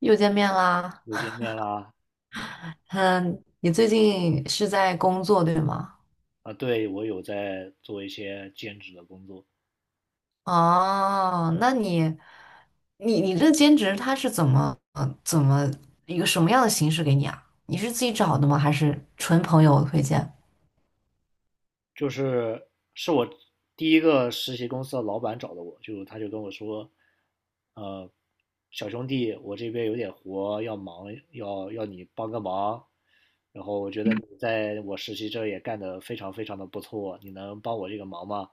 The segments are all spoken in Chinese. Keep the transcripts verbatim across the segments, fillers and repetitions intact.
又见面啦。又见面啦。嗯，你最近是在工作对吗？啊，对，我有在做一些兼职的工作。哦，那你，你你这兼职它是怎么呃怎么一个什么样的形式给你啊？你是自己找的吗？还是纯朋友推荐？就是是我第一个实习公司的老板找的我，就他就跟我说，呃，小兄弟，我这边有点活要忙，要要你帮个忙，然后我觉得你在我实习这也干得非常非常的不错，你能帮我这个忙吗？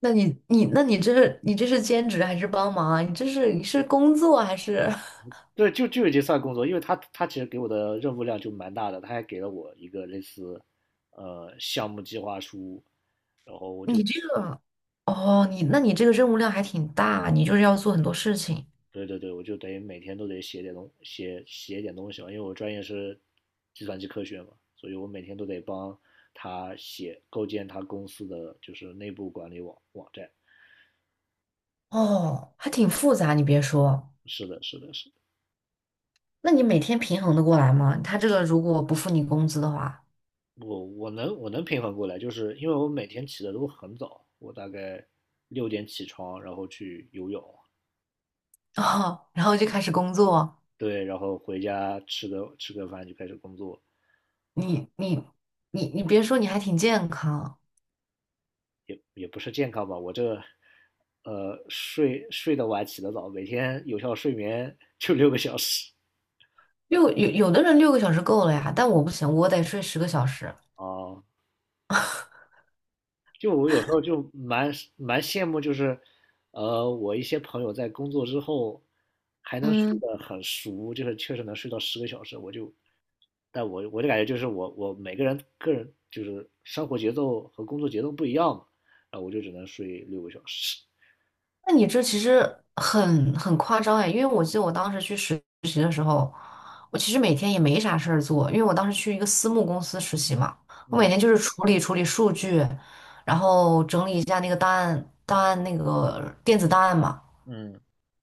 那你你那你这是你这是兼职还是帮忙啊？你这是你是工作还是 对，就就已经算工作，因为他他其实给我的任务量就蛮大的，他还给了我一个类似，呃，项目计划书，然后 我就你这个？哦，你那你这个任务量还挺大，你就是要做很多事情。对对对，我就等于每天都得写点东写写点东西嘛，因为我专业是计算机科学嘛，所以我每天都得帮他写构建他公司的就是内部管理网网站。哦，还挺复杂。你别说。是的，是的，是的，那你每天平衡的过来吗？他这个如果不付你工资的话，我我能我能平衡过来，就是因为我每天起的都很早，我大概六点起床，然后去游泳。哦，然后就开始工作。对，然后回家吃个吃个饭就开始工作。你你你你别说，你还挺健康。也也不是健康吧，我这呃睡睡得晚起得早，每天有效睡眠 就六个小时六，有有的人六个小时够了呀，但我不行，我得睡十个小时。啊。就我有时候就蛮蛮羡慕，就是呃我一些朋友在工作之后还能睡嗯，得很熟，就是确实能睡到十个小时，我就但我我就感觉就是我我每个人个人就是生活节奏和工作节奏不一样嘛，然后我就只能睡六个小时。那你这其实很很夸张哎，因为我记得我当时去实习的时候，我其实每天也没啥事儿做，因为我当时去一个私募公司实习嘛，我每嗯天就是处理处理数据，然后整理一下那个档案档案那个电子档案嘛。嗯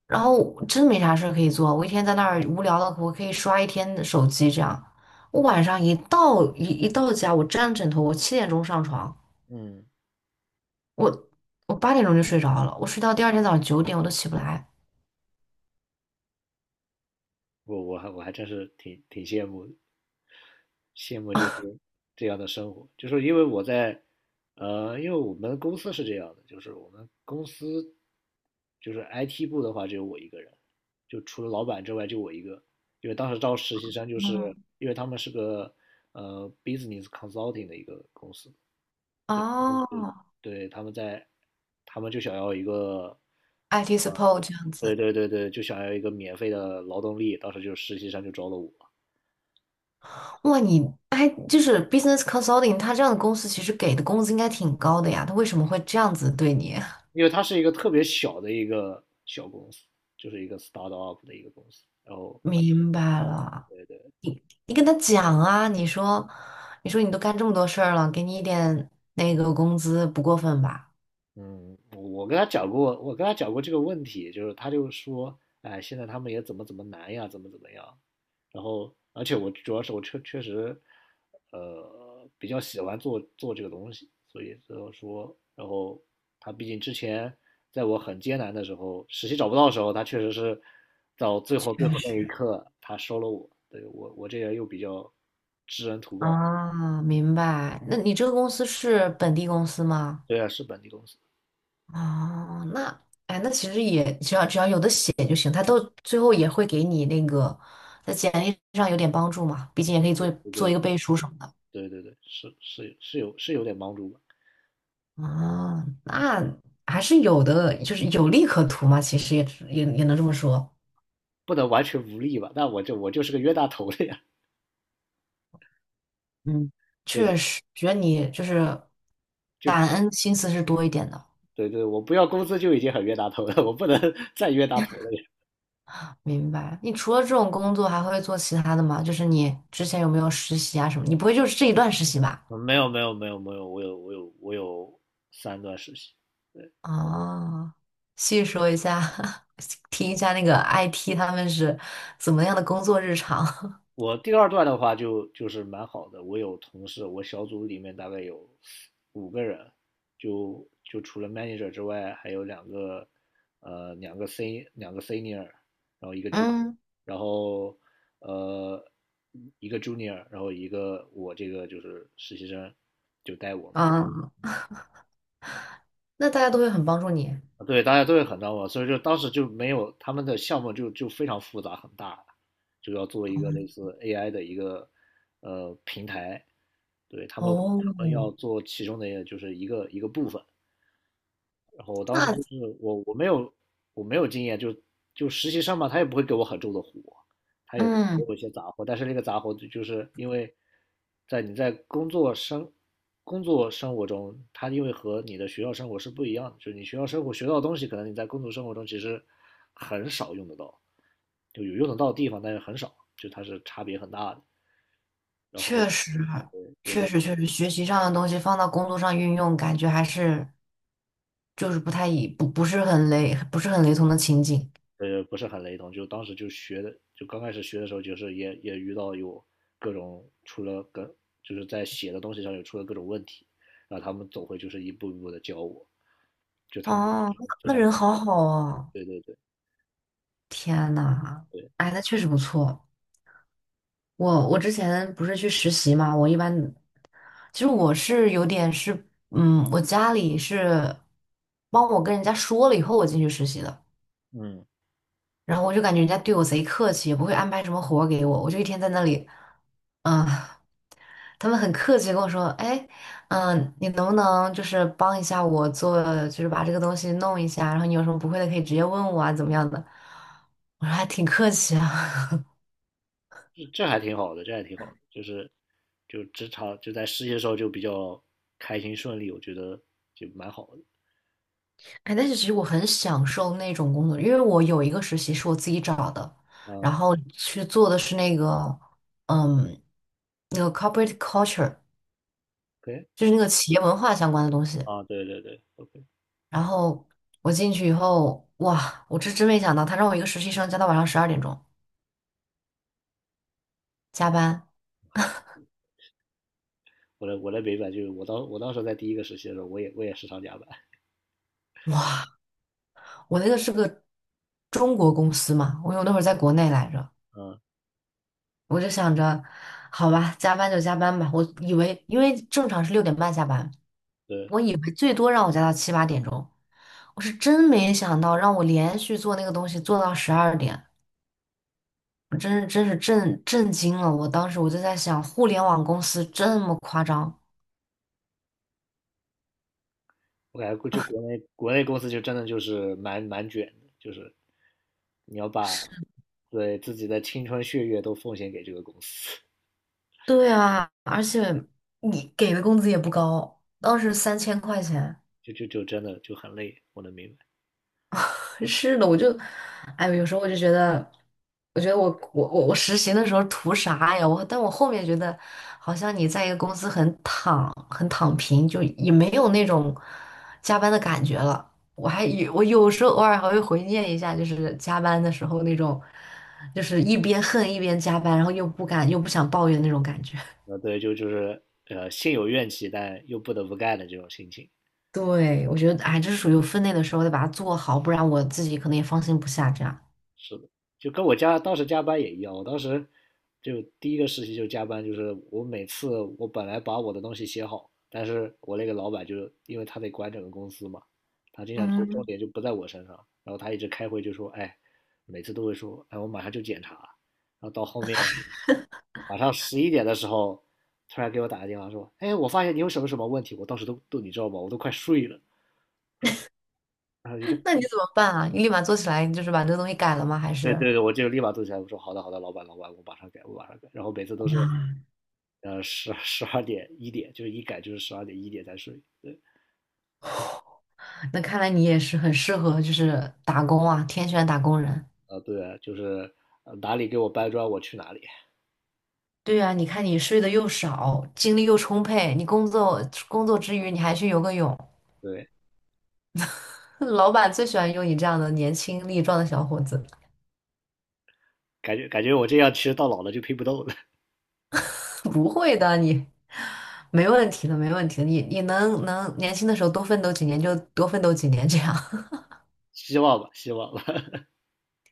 然后真没啥事儿可以做，我一天在那儿无聊的，我可以刷一天的手机这样。我晚上一到一一到家，我沾枕头，我七点钟上床，嗯，我八点钟就睡着了，我睡到第二天早上九点我都起不来。我我还我还真是挺挺羡慕的。羡慕就是这样的生活，就是因为我在，呃，因为我们公司是这样的，就是我们公司就是 I T 部的话只有我一个人，就除了老板之外就我一个。因为当时招实习生，就是因为他们是个呃 business consulting 的一个公司。哦， 对，对，他们在，他们就想要一个，I T 呃 support 这样对子。对对对，就想要一个免费的劳动力，当时就实习生就招了我。哇，你哎，就是 business consulting,他这样的公司其实给的工资应该挺高的呀，他为什么会这样子对你？因为它是一个特别小的一个小公司，就是一个 start up 的一个公司，然后明白了。你跟他讲啊，你说，你说你都干这么多事儿了，给你一点那个工资不过分吧？嗯，我跟他讲过，我跟他讲过这个问题，就是他就说，哎，现在他们也怎么怎么难呀，怎么怎么样。然后，而且我主要是我确确实，呃，比较喜欢做做这个东西，所以就说，然后他毕竟之前在我很艰难的时候，实习找不到的时候，他确实是到最后最后确那一实。刻，他收了我。对，我我这人又比较知恩图报。啊，明白。那你这个公司是本地公司吗？对啊，是本地公司。哦，那哎，那其实也只要只要有的写就行，他都最后也会给你那个在简历上有点帮助嘛，毕竟也可以做做一个背书什么的。对对对，是是是有是有点帮助吧。啊，那还是有的，就是有利可图嘛，其实也也也能这么说。不能完全无力吧？那我就我就是个冤大头了呀 嗯。对，确实，觉得你就是就感恩心思是多一点的。对对，我不要工资就已经很冤大头了，我不能 再冤大头了呀。明白。你除了这种工作，还会做其他的吗？就是你之前有没有实习啊什么？你不会就是这一段实习吧？嗯没有没有没有没有，我有我有我有三段实习。哦，细说一下，听一下那个 I T 他们是怎么样的工作日常。我第二段的话就就是蛮好的，我有同事，我小组里面大概有五个人，就就除了 manager 之外，还有两个呃两个 sen 两个 senior,嗯然后呃一个 junior,然后一个我这个就是实习生就带我嘛。嗯，那大家都会很帮助你。对，大家都会很当我，所以就当时就没有他们的项目就就非常复杂很大，就要做一个类似 A I 的一个呃平台，对他们哦，他们要做其中的就是一个一个部分，然后我当时就那是我我没有我没有经验。就就实习生嘛，他也不会给我很重的活，他有给嗯，我一些杂活，但是那个杂活就就是因为在你在工作生工作生活中，他因为和你的学校生活是不一样的，就是你学校生活学到的东西，可能你在工作生活中其实很少用得到，就有用得到的地方，但是很少，就它是差别很大的。然后确实，我确就实，确实，学习上的东西放到工作上运用，感觉还是就是不太一不不是很雷，不是很雷同的情景。呃，不是很雷同，就当时就学的，就刚开始学的时候，就是也也遇到有各种出了各，就是在写的东西上有出了各种问题，然后他们总会就是一步一步的教我，就他们就哦，非那常，人好好啊。对对对天呐，对。哎，那确实不错。我我之前不是去实习嘛，我一般其实我是有点是，嗯，我家里是帮我跟人家说了以后我进去实习的，嗯，然后我就感觉人家对我贼客气，也不会安排什么活儿给我，我就一天在那里，嗯，他们很客气地跟我说，哎，嗯，你能不能就是帮一下我做，就是把这个东西弄一下，然后你有什么不会的可以直接问我啊，怎么样的？我说还挺客气啊。这这还挺好的，这还挺好的，就是就职场就在实习的时候就比较开心顺利，我觉得就蛮好的。哎，但是其实我很享受那种工作，因为我有一个实习是我自己找的，然啊，后去做的是那个，嗯，那个 corporate culture,可以。就是那个企业文化相关的东西。啊，对对对，OK,然后我进去以后，哇，我这真没想到，他让我一个实习生加到晚上十二点钟加班。我来我来北版，就是我当我当时在第一个实习的时候，我也我也时常加班。哇，我那个是个中国公司嘛，我有那会儿在国内来着，嗯，我就想着，好吧，加班就加班吧，我以为因为正常是六点半下班。对。我以为最多让我加到七八点钟，我是真没想到让我连续做那个东西做到十二点，我真是真是震震惊了。我当时我就在想，互联网公司这么夸张？我感觉估就国内国内公司就真的就是蛮蛮卷的，就是你要把对自己的青春血液都奉献给这个公司，对啊，而且你给的工资也不高，当时三千块钱。就就就真的就很累，我能明白。是的，我就，哎，有时候我就觉得，我觉得我我我我实习的时候图啥呀？我，但我后面觉得，好像你在一个公司很躺很躺平，就也没有那种加班的感觉了。我还有我有时候偶尔还会回念一下，就是加班的时候那种，就是一边恨一边加班，然后又不敢又不想抱怨那种感觉。呃，对，就就是呃心有怨气，但又不得不干的这种心情。对，我觉得，哎，这是属于有分内的时候得把它做好，不然我自己可能也放心不下这样。是的，就跟我加当时加班也一样，我当时就第一个事情就是加班，就是我每次我本来把我的东西写好，但是我那个老板就是因为他得管整个公司嘛，他经常重嗯。点就不在我身上，然后他一直开会就说，哎，每次都会说，哎，我马上就检查，然后到后面晚上十一点的时候，突然给我打个电话说，哎，我发现你有什么什么问题，我当时都都你知道吧，我都快睡了。然后一个，那你怎么办啊？你立马做起来，你就是把这个东西改了吗？还是对啊？对对，我就立马坐起来，我说好的好的，老板老板，我马上改，我马上改。然后每次都是呃，十十二点一点，就是一改就是十二点一点才睡。对，那看来你也是很适合，就是打工啊，天选打工人。啊、呃对啊，就是呃哪里给我搬砖，我去哪里。对啊，你看你睡得又少，精力又充沛，你工作工作之余你还去游个泳，对，老板最喜欢用你这样的年轻力壮的小伙子。感觉感觉我这样其实到老了就拼不动了。不会的，你没问题的，没问题的，你你能能年轻的时候多奋斗几年就多奋斗几年这样。希望吧，希望吧。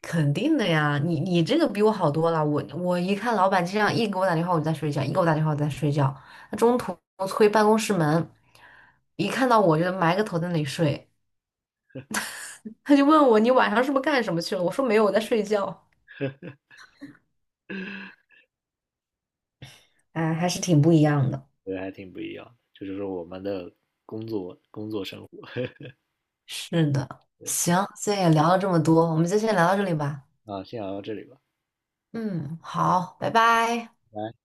肯定的呀，你你这个比我好多了。我我一看老板这样，一给我打电话我就在睡觉，一给我打电话我在睡觉。他中途推办公室门，一看到我就埋个头在那里睡。他就问我你晚上是不是干什么去了？我说没有，我在睡觉。哎，还是挺不一样的。对，还挺不一样这就是我们的工作工作生活。 是的，行，今天也聊了这么多，我们就先聊到这里吧。啊。先聊到这里吧，嗯，好，拜拜。拜拜。